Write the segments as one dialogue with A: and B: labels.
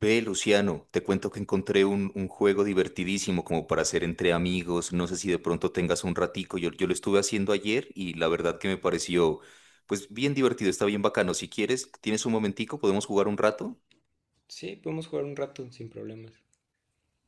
A: Ve, Luciano, te cuento que encontré un juego divertidísimo como para hacer entre amigos. No sé si de pronto tengas un ratico. Yo lo estuve haciendo ayer y la verdad que me pareció, pues bien divertido, está bien bacano. Si quieres, tienes un momentico, podemos jugar un rato.
B: Sí, podemos jugar un rato sin problemas.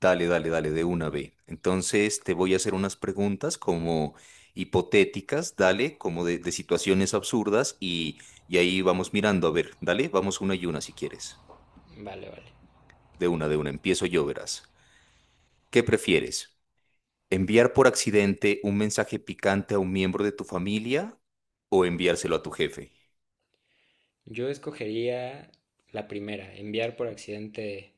A: Dale, dale, dale, de una ve. Entonces te voy a hacer unas preguntas como hipotéticas, dale, como de situaciones absurdas y ahí vamos mirando. A ver, dale, vamos una y una si quieres.
B: Vale, vale.
A: De una, empiezo yo, verás. ¿Qué prefieres? ¿Enviar por accidente un mensaje picante a un miembro de tu familia o enviárselo a tu jefe?
B: Yo escogería la primera, enviar por accidente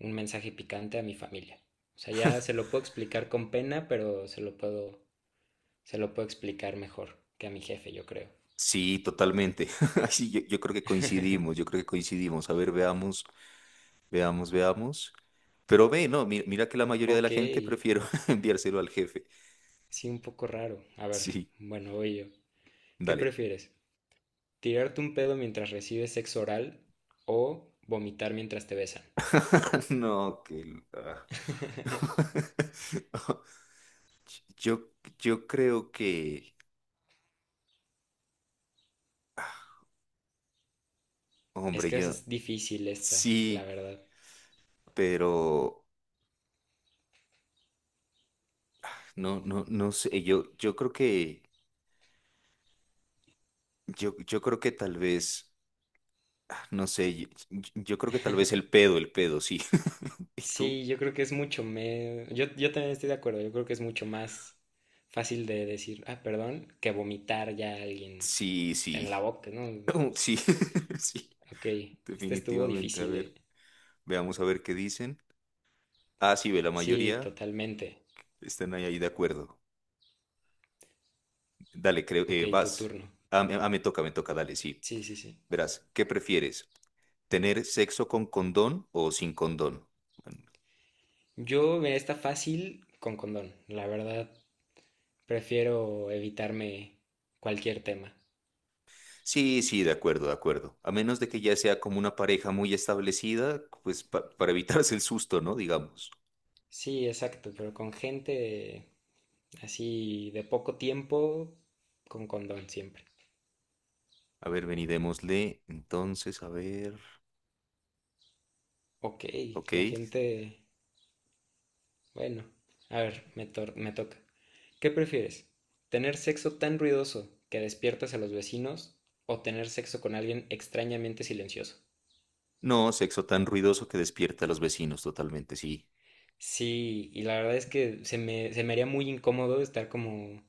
B: un mensaje picante a mi familia. O sea, ya se lo puedo explicar con pena, pero se lo puedo explicar mejor que a mi jefe, yo creo.
A: Sí, totalmente. Ay, sí, yo creo que coincidimos, yo creo que coincidimos. A ver, veamos, veamos, veamos. Pero ve, no, mira que la mayoría de la
B: Ok,
A: gente prefiero enviárselo al jefe.
B: sí, un poco raro. A ver,
A: Sí,
B: bueno, voy yo. ¿Qué
A: dale.
B: prefieres? ¿Tirarte un pedo mientras recibes sexo oral o vomitar mientras te besan?
A: No, que... la- Yo, yo creo que,
B: Es
A: hombre,
B: que
A: yo
B: es difícil esta, la
A: sí,
B: verdad.
A: pero no, no, no sé, yo creo que... Yo creo que tal vez, no sé, yo creo que tal vez el pedo, sí. ¿Y tú?
B: Sí, yo creo que es mucho me... Yo también estoy de acuerdo, yo creo que es mucho más fácil de decir, ah, perdón, que vomitar ya a alguien
A: Sí, sí.
B: en la boca, ¿no?
A: Sí, sí,
B: Ok, este estuvo
A: definitivamente. A
B: difícil, ¿eh?
A: ver, veamos a ver qué dicen. Ah, sí, ve, la
B: Sí,
A: mayoría
B: totalmente.
A: están ahí, ahí de acuerdo. Dale, creo,
B: Ok, tu
A: vas.
B: turno.
A: Me toca, me toca, dale, sí.
B: Sí, sí, sí.
A: Verás, ¿qué prefieres? ¿Tener sexo con condón o sin condón? Bueno,
B: Yo, mira, está fácil con condón. La verdad, prefiero evitarme cualquier tema.
A: sí, sí, de acuerdo, de acuerdo. A menos de que ya sea como una pareja muy establecida, pues para evitarse el susto, ¿no? Digamos.
B: Sí, exacto, pero con gente así de poco tiempo, con condón siempre.
A: A ver, vení, démosle. Entonces, a ver.
B: Ok,
A: Ok.
B: la gente... Bueno, a ver, me toca. ¿Qué prefieres? ¿Tener sexo tan ruidoso que despiertas a los vecinos o tener sexo con alguien extrañamente silencioso?
A: No, sexo tan ruidoso que despierta a los vecinos totalmente, sí.
B: Sí, y la verdad es que se me haría muy incómodo estar como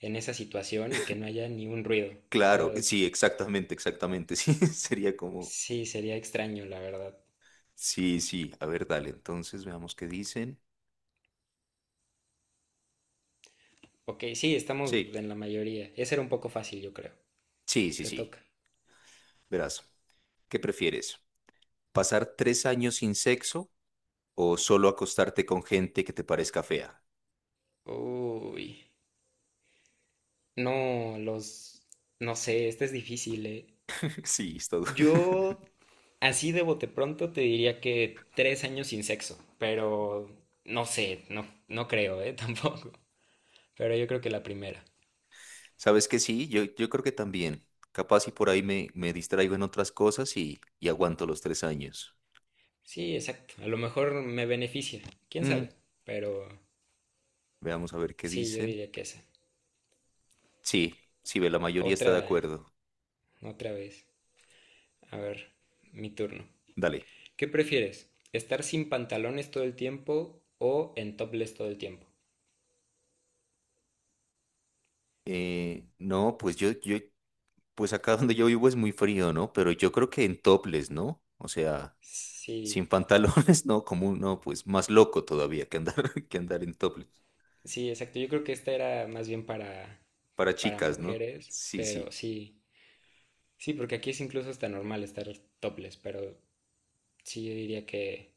B: en esa situación y que no haya ni un ruido. O
A: Claro,
B: sea,
A: sí, exactamente, exactamente. Sí, sería como.
B: sí, sería extraño, la verdad.
A: Sí, sí. A ver, dale. Entonces, veamos qué dicen.
B: Ok, sí, estamos
A: Sí,
B: en la mayoría. Ese era un poco fácil, yo creo.
A: sí, sí,
B: Te
A: sí.
B: toca.
A: Verás. ¿Qué prefieres? ¿Pasar 3 años sin sexo o solo acostarte con gente que te parezca fea?
B: Uy. No, los... No sé, este es difícil, ¿eh?
A: Sí, está duro.
B: Yo, así de bote pronto, te diría que 3 años sin sexo, pero no sé, no creo, ¿eh? Tampoco. Pero yo creo que la primera.
A: Sabes que sí, yo creo que también. Capaz y por ahí me distraigo en otras cosas y aguanto los 3 años.
B: Sí, exacto. A lo mejor me beneficia, quién
A: Mm,
B: sabe. Pero
A: veamos a ver qué
B: sí, yo
A: dicen.
B: diría que esa.
A: Sí, sí, ve, la mayoría está de
B: Otra,
A: acuerdo.
B: otra vez. A ver, mi turno.
A: Dale.
B: ¿Qué prefieres? ¿Estar sin pantalones todo el tiempo o en topless todo el tiempo?
A: No, pues yo, pues acá donde yo vivo es muy frío, ¿no? Pero yo creo que en topless, ¿no? O sea, sin
B: Sí,
A: pantalones, no, no, pues más loco todavía que andar, que andar en topless.
B: sí, exacto. Yo creo que esta era más bien para,
A: Para
B: para
A: chicas, ¿no?
B: mujeres,
A: Sí,
B: pero
A: sí,
B: sí, sí, porque aquí es incluso hasta normal estar topless, pero sí, yo diría que,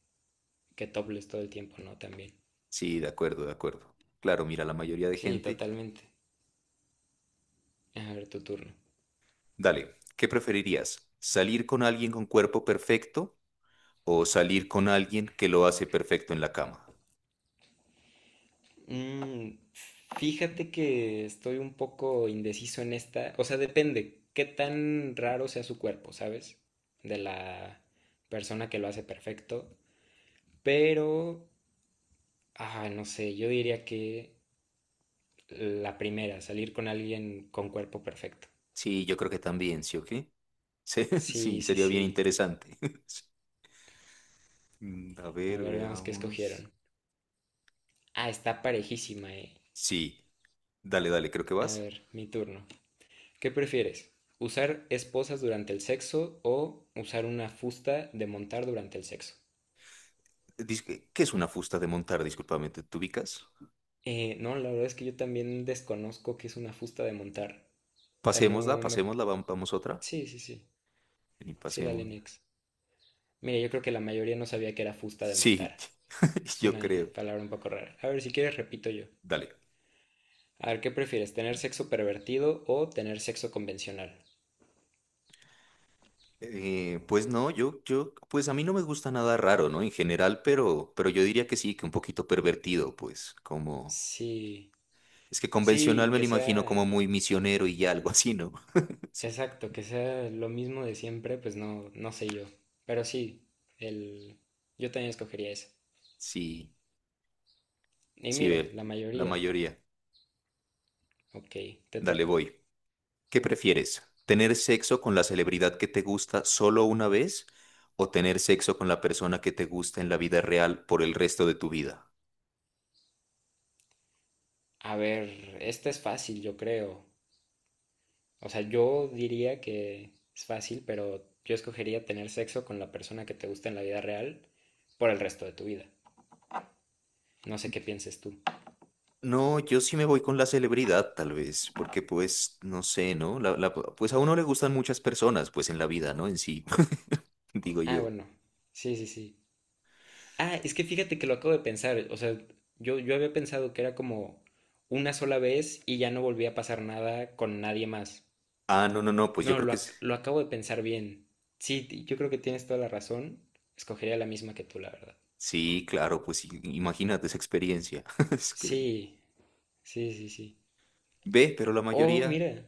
B: que topless todo el tiempo, ¿no? También.
A: sí, de acuerdo, de acuerdo. Claro, mira, la mayoría de
B: Sí,
A: gente.
B: totalmente. A ver, tu turno.
A: Dale, ¿qué preferirías? ¿Salir con alguien con cuerpo perfecto o salir con alguien que lo hace perfecto en la cama?
B: Mm, Fíjate que estoy un poco indeciso en esta, o sea, depende qué tan raro sea su cuerpo, ¿sabes? De la persona que lo hace perfecto, pero, ah, no sé, yo diría que la primera, salir con alguien con cuerpo perfecto.
A: Sí, yo creo que también, ¿sí o qué? Sí, sí,
B: Sí, sí,
A: sería bien
B: sí.
A: interesante. A
B: A
A: ver,
B: ver, veamos qué
A: veamos.
B: escogieron. Ah, está parejísima, eh.
A: Sí, dale, dale, creo que
B: A
A: vas.
B: ver, mi turno. ¿Qué prefieres? ¿Usar esposas durante el sexo o usar una fusta de montar durante el sexo?
A: Dis- ¿Qué es una fusta de montar? Discúlpame, ¿te ubicas?
B: No, la verdad es que yo también desconozco qué es una fusta de montar. O sea,
A: Pasémosla,
B: no me...
A: pasémosla, vamos otra.
B: Sí, sí, sí.
A: Vení,
B: Sí, dale
A: pasémosla.
B: next. Mira, yo creo que la mayoría no sabía que era fusta de
A: Sí,
B: montar. Es
A: yo
B: una
A: creo.
B: palabra un poco rara. A ver, si quieres repito yo.
A: Dale.
B: A ver, ¿qué prefieres? ¿Tener sexo pervertido o tener sexo convencional?
A: Pues no, yo, pues a mí no me gusta nada raro, ¿no? En general, pero yo diría que sí, que un poquito pervertido, pues, como,
B: Sí,
A: es que convencional
B: sí,
A: me lo
B: que
A: imagino como
B: sea,
A: muy misionero y ya, algo así, ¿no?
B: exacto, que sea lo mismo de siempre, pues no, no sé yo. Pero sí, el, yo también escogería eso.
A: Sí,
B: Y
A: sí,
B: mira,
A: ve,
B: la
A: la
B: mayoría.
A: mayoría.
B: Ok, te
A: Dale,
B: toca.
A: voy. ¿Qué prefieres? ¿Tener sexo con la celebridad que te gusta solo una vez o tener sexo con la persona que te gusta en la vida real por el resto de tu vida?
B: A ver, esta es fácil, yo creo. O sea, yo diría que es fácil, pero yo escogería tener sexo con la persona que te gusta en la vida real por el resto de tu vida. No sé qué pienses tú.
A: No, yo sí me voy con la celebridad, tal vez, porque pues, no sé, ¿no? Pues a uno le gustan muchas personas, pues en la vida, ¿no? En sí, digo
B: Ah,
A: yo.
B: bueno. Sí, sí, sí. Ah, es que fíjate que lo acabo de pensar. O sea, yo había pensado que era como una sola vez y ya no volvía a pasar nada con nadie más.
A: Ah, no, no, no, pues yo
B: No,
A: creo que
B: lo acabo de pensar bien. Sí, yo creo que tienes toda la razón. Escogería la misma que tú, la verdad.
A: sí, claro, pues imagínate esa experiencia. Es que-
B: Sí, sí, sí, sí.
A: Ve, pero la
B: Oh,
A: mayoría,
B: mira.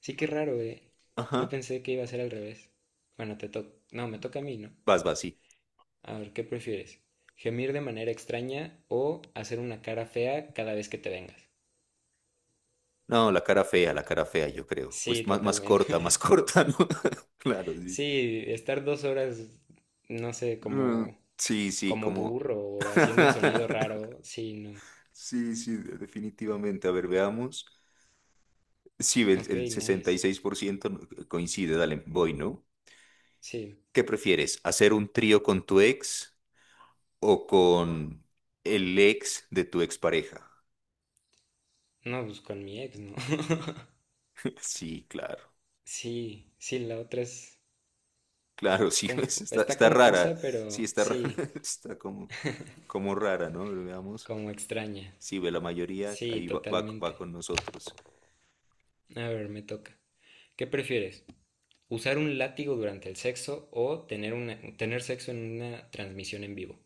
B: Sí, qué raro, eh. Yo
A: ajá,
B: pensé que iba a ser al revés. Bueno, te toca. No, me toca a mí, ¿no?
A: vas, vas, sí.
B: A ver, ¿qué prefieres? ¿Gemir de manera extraña o hacer una cara fea cada vez que te vengas?
A: No, la cara fea, yo creo. Pues
B: Sí,
A: más, más
B: totalmente.
A: corta, más corta, ¿no? Claro, sí.
B: Sí, estar 2 horas, no sé,
A: Mm,
B: como,
A: sí, sí,
B: como
A: como...
B: burro o haciendo un sonido raro, sí, no.
A: Sí, sí, definitivamente. A ver, veamos. Sí, el,
B: Ok,
A: el
B: nice.
A: 66% no- coincide, dale, voy, ¿no?
B: Sí,
A: ¿Qué prefieres? ¿Hacer un trío con tu ex o con el ex de tu expareja?
B: no, pues con mi ex, ¿no?
A: Sí, claro,
B: Sí, sí, la otra es
A: claro, sí, está,
B: está
A: está
B: confusa,
A: rara, sí,
B: pero
A: está rara,
B: sí,
A: está como rara, ¿no? Pero veamos,
B: como extraña.
A: sí, ve la mayoría,
B: Sí,
A: ahí va, va, va
B: totalmente.
A: con nosotros.
B: A ver, me toca. ¿Qué prefieres? ¿Usar un látigo durante el sexo o tener sexo en una transmisión en vivo?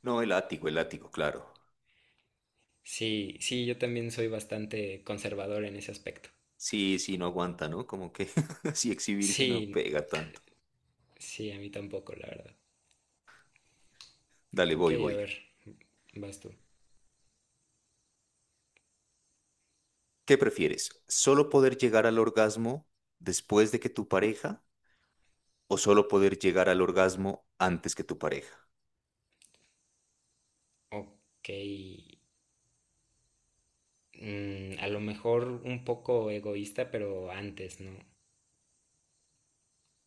A: No, el látigo, claro.
B: Sí, sí, yo también soy bastante conservador en ese aspecto.
A: Sí, sí, no aguanta, ¿no? Como que si exhibirse no
B: Sí,
A: pega tanto.
B: sí, a mí tampoco, la verdad.
A: Dale,
B: Ok,
A: voy,
B: a
A: voy.
B: ver, vas tú.
A: ¿Qué prefieres? ¿Solo poder llegar al orgasmo después de que tu pareja o solo poder llegar al orgasmo antes que tu pareja?
B: Ok, a lo mejor un poco egoísta, pero antes, ¿no?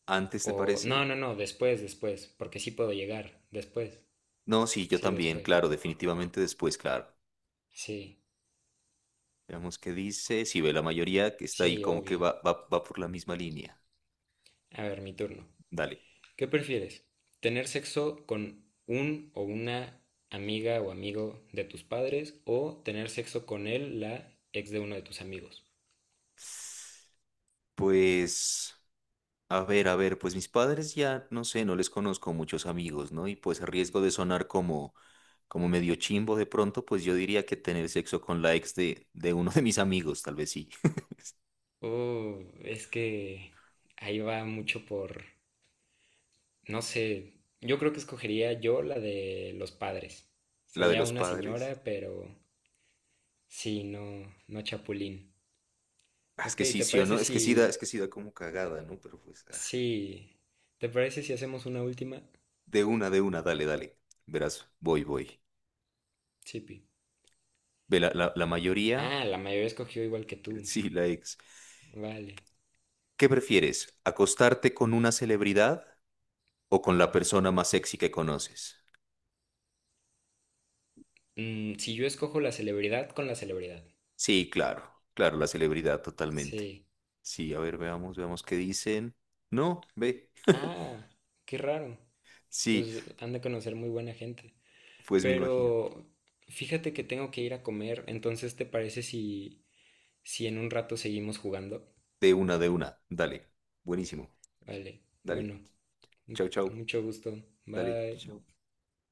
A: ¿Antes te
B: O, no,
A: parece?
B: no, no, después, después, porque sí puedo llegar, después.
A: No, sí, yo
B: Sí,
A: también,
B: después.
A: claro, definitivamente después, claro.
B: Sí,
A: Veamos qué dice, si ve la mayoría que está ahí
B: sí,
A: como que
B: obvio.
A: va, va, va por la misma línea.
B: A ver, mi turno.
A: Dale.
B: ¿Qué prefieres? ¿Tener sexo con un o una amiga o amigo de tus padres o tener sexo con él, la ex de uno de tus amigos?
A: Pues a ver, a ver, pues mis padres ya, no sé, no les conozco muchos amigos, ¿no? Y pues a riesgo de sonar como medio chimbo de pronto, pues yo diría que tener sexo con la ex de uno de mis amigos, tal vez sí.
B: Es que ahí va mucho por, no sé, yo creo que escogería yo la de los padres.
A: La de
B: Sería
A: los
B: una
A: padres.
B: señora, pero sí, no, no chapulín.
A: Ah, es
B: Ok,
A: que sí, sí o no, es que sí da, es que sí da como cagada, ¿no? Pero pues,
B: sí, ¿te parece si hacemos una última?
A: de una, dale, dale. Verás, voy, voy.
B: Sí, Pi.
A: Ve, la mayoría,
B: Ah, la mayoría escogió igual que tú.
A: sí, la ex.
B: Vale.
A: ¿Qué prefieres? ¿Acostarte con una celebridad o con la persona más sexy que conoces?
B: Si yo escojo la celebridad con la celebridad.
A: Sí, claro, claro, la celebridad totalmente.
B: Sí.
A: Sí, a ver, veamos, veamos qué dicen. No, ve.
B: Ah, qué raro.
A: Sí,
B: Pues han de conocer muy buena gente.
A: pues me imagino.
B: Pero fíjate que tengo que ir a comer, entonces ¿te parece si en un rato seguimos jugando?
A: De una, de una. Dale. Buenísimo.
B: Vale,
A: Dale.
B: bueno, mu-
A: Chau, chau.
B: mucho gusto.
A: Dale.
B: Bye.
A: Chau.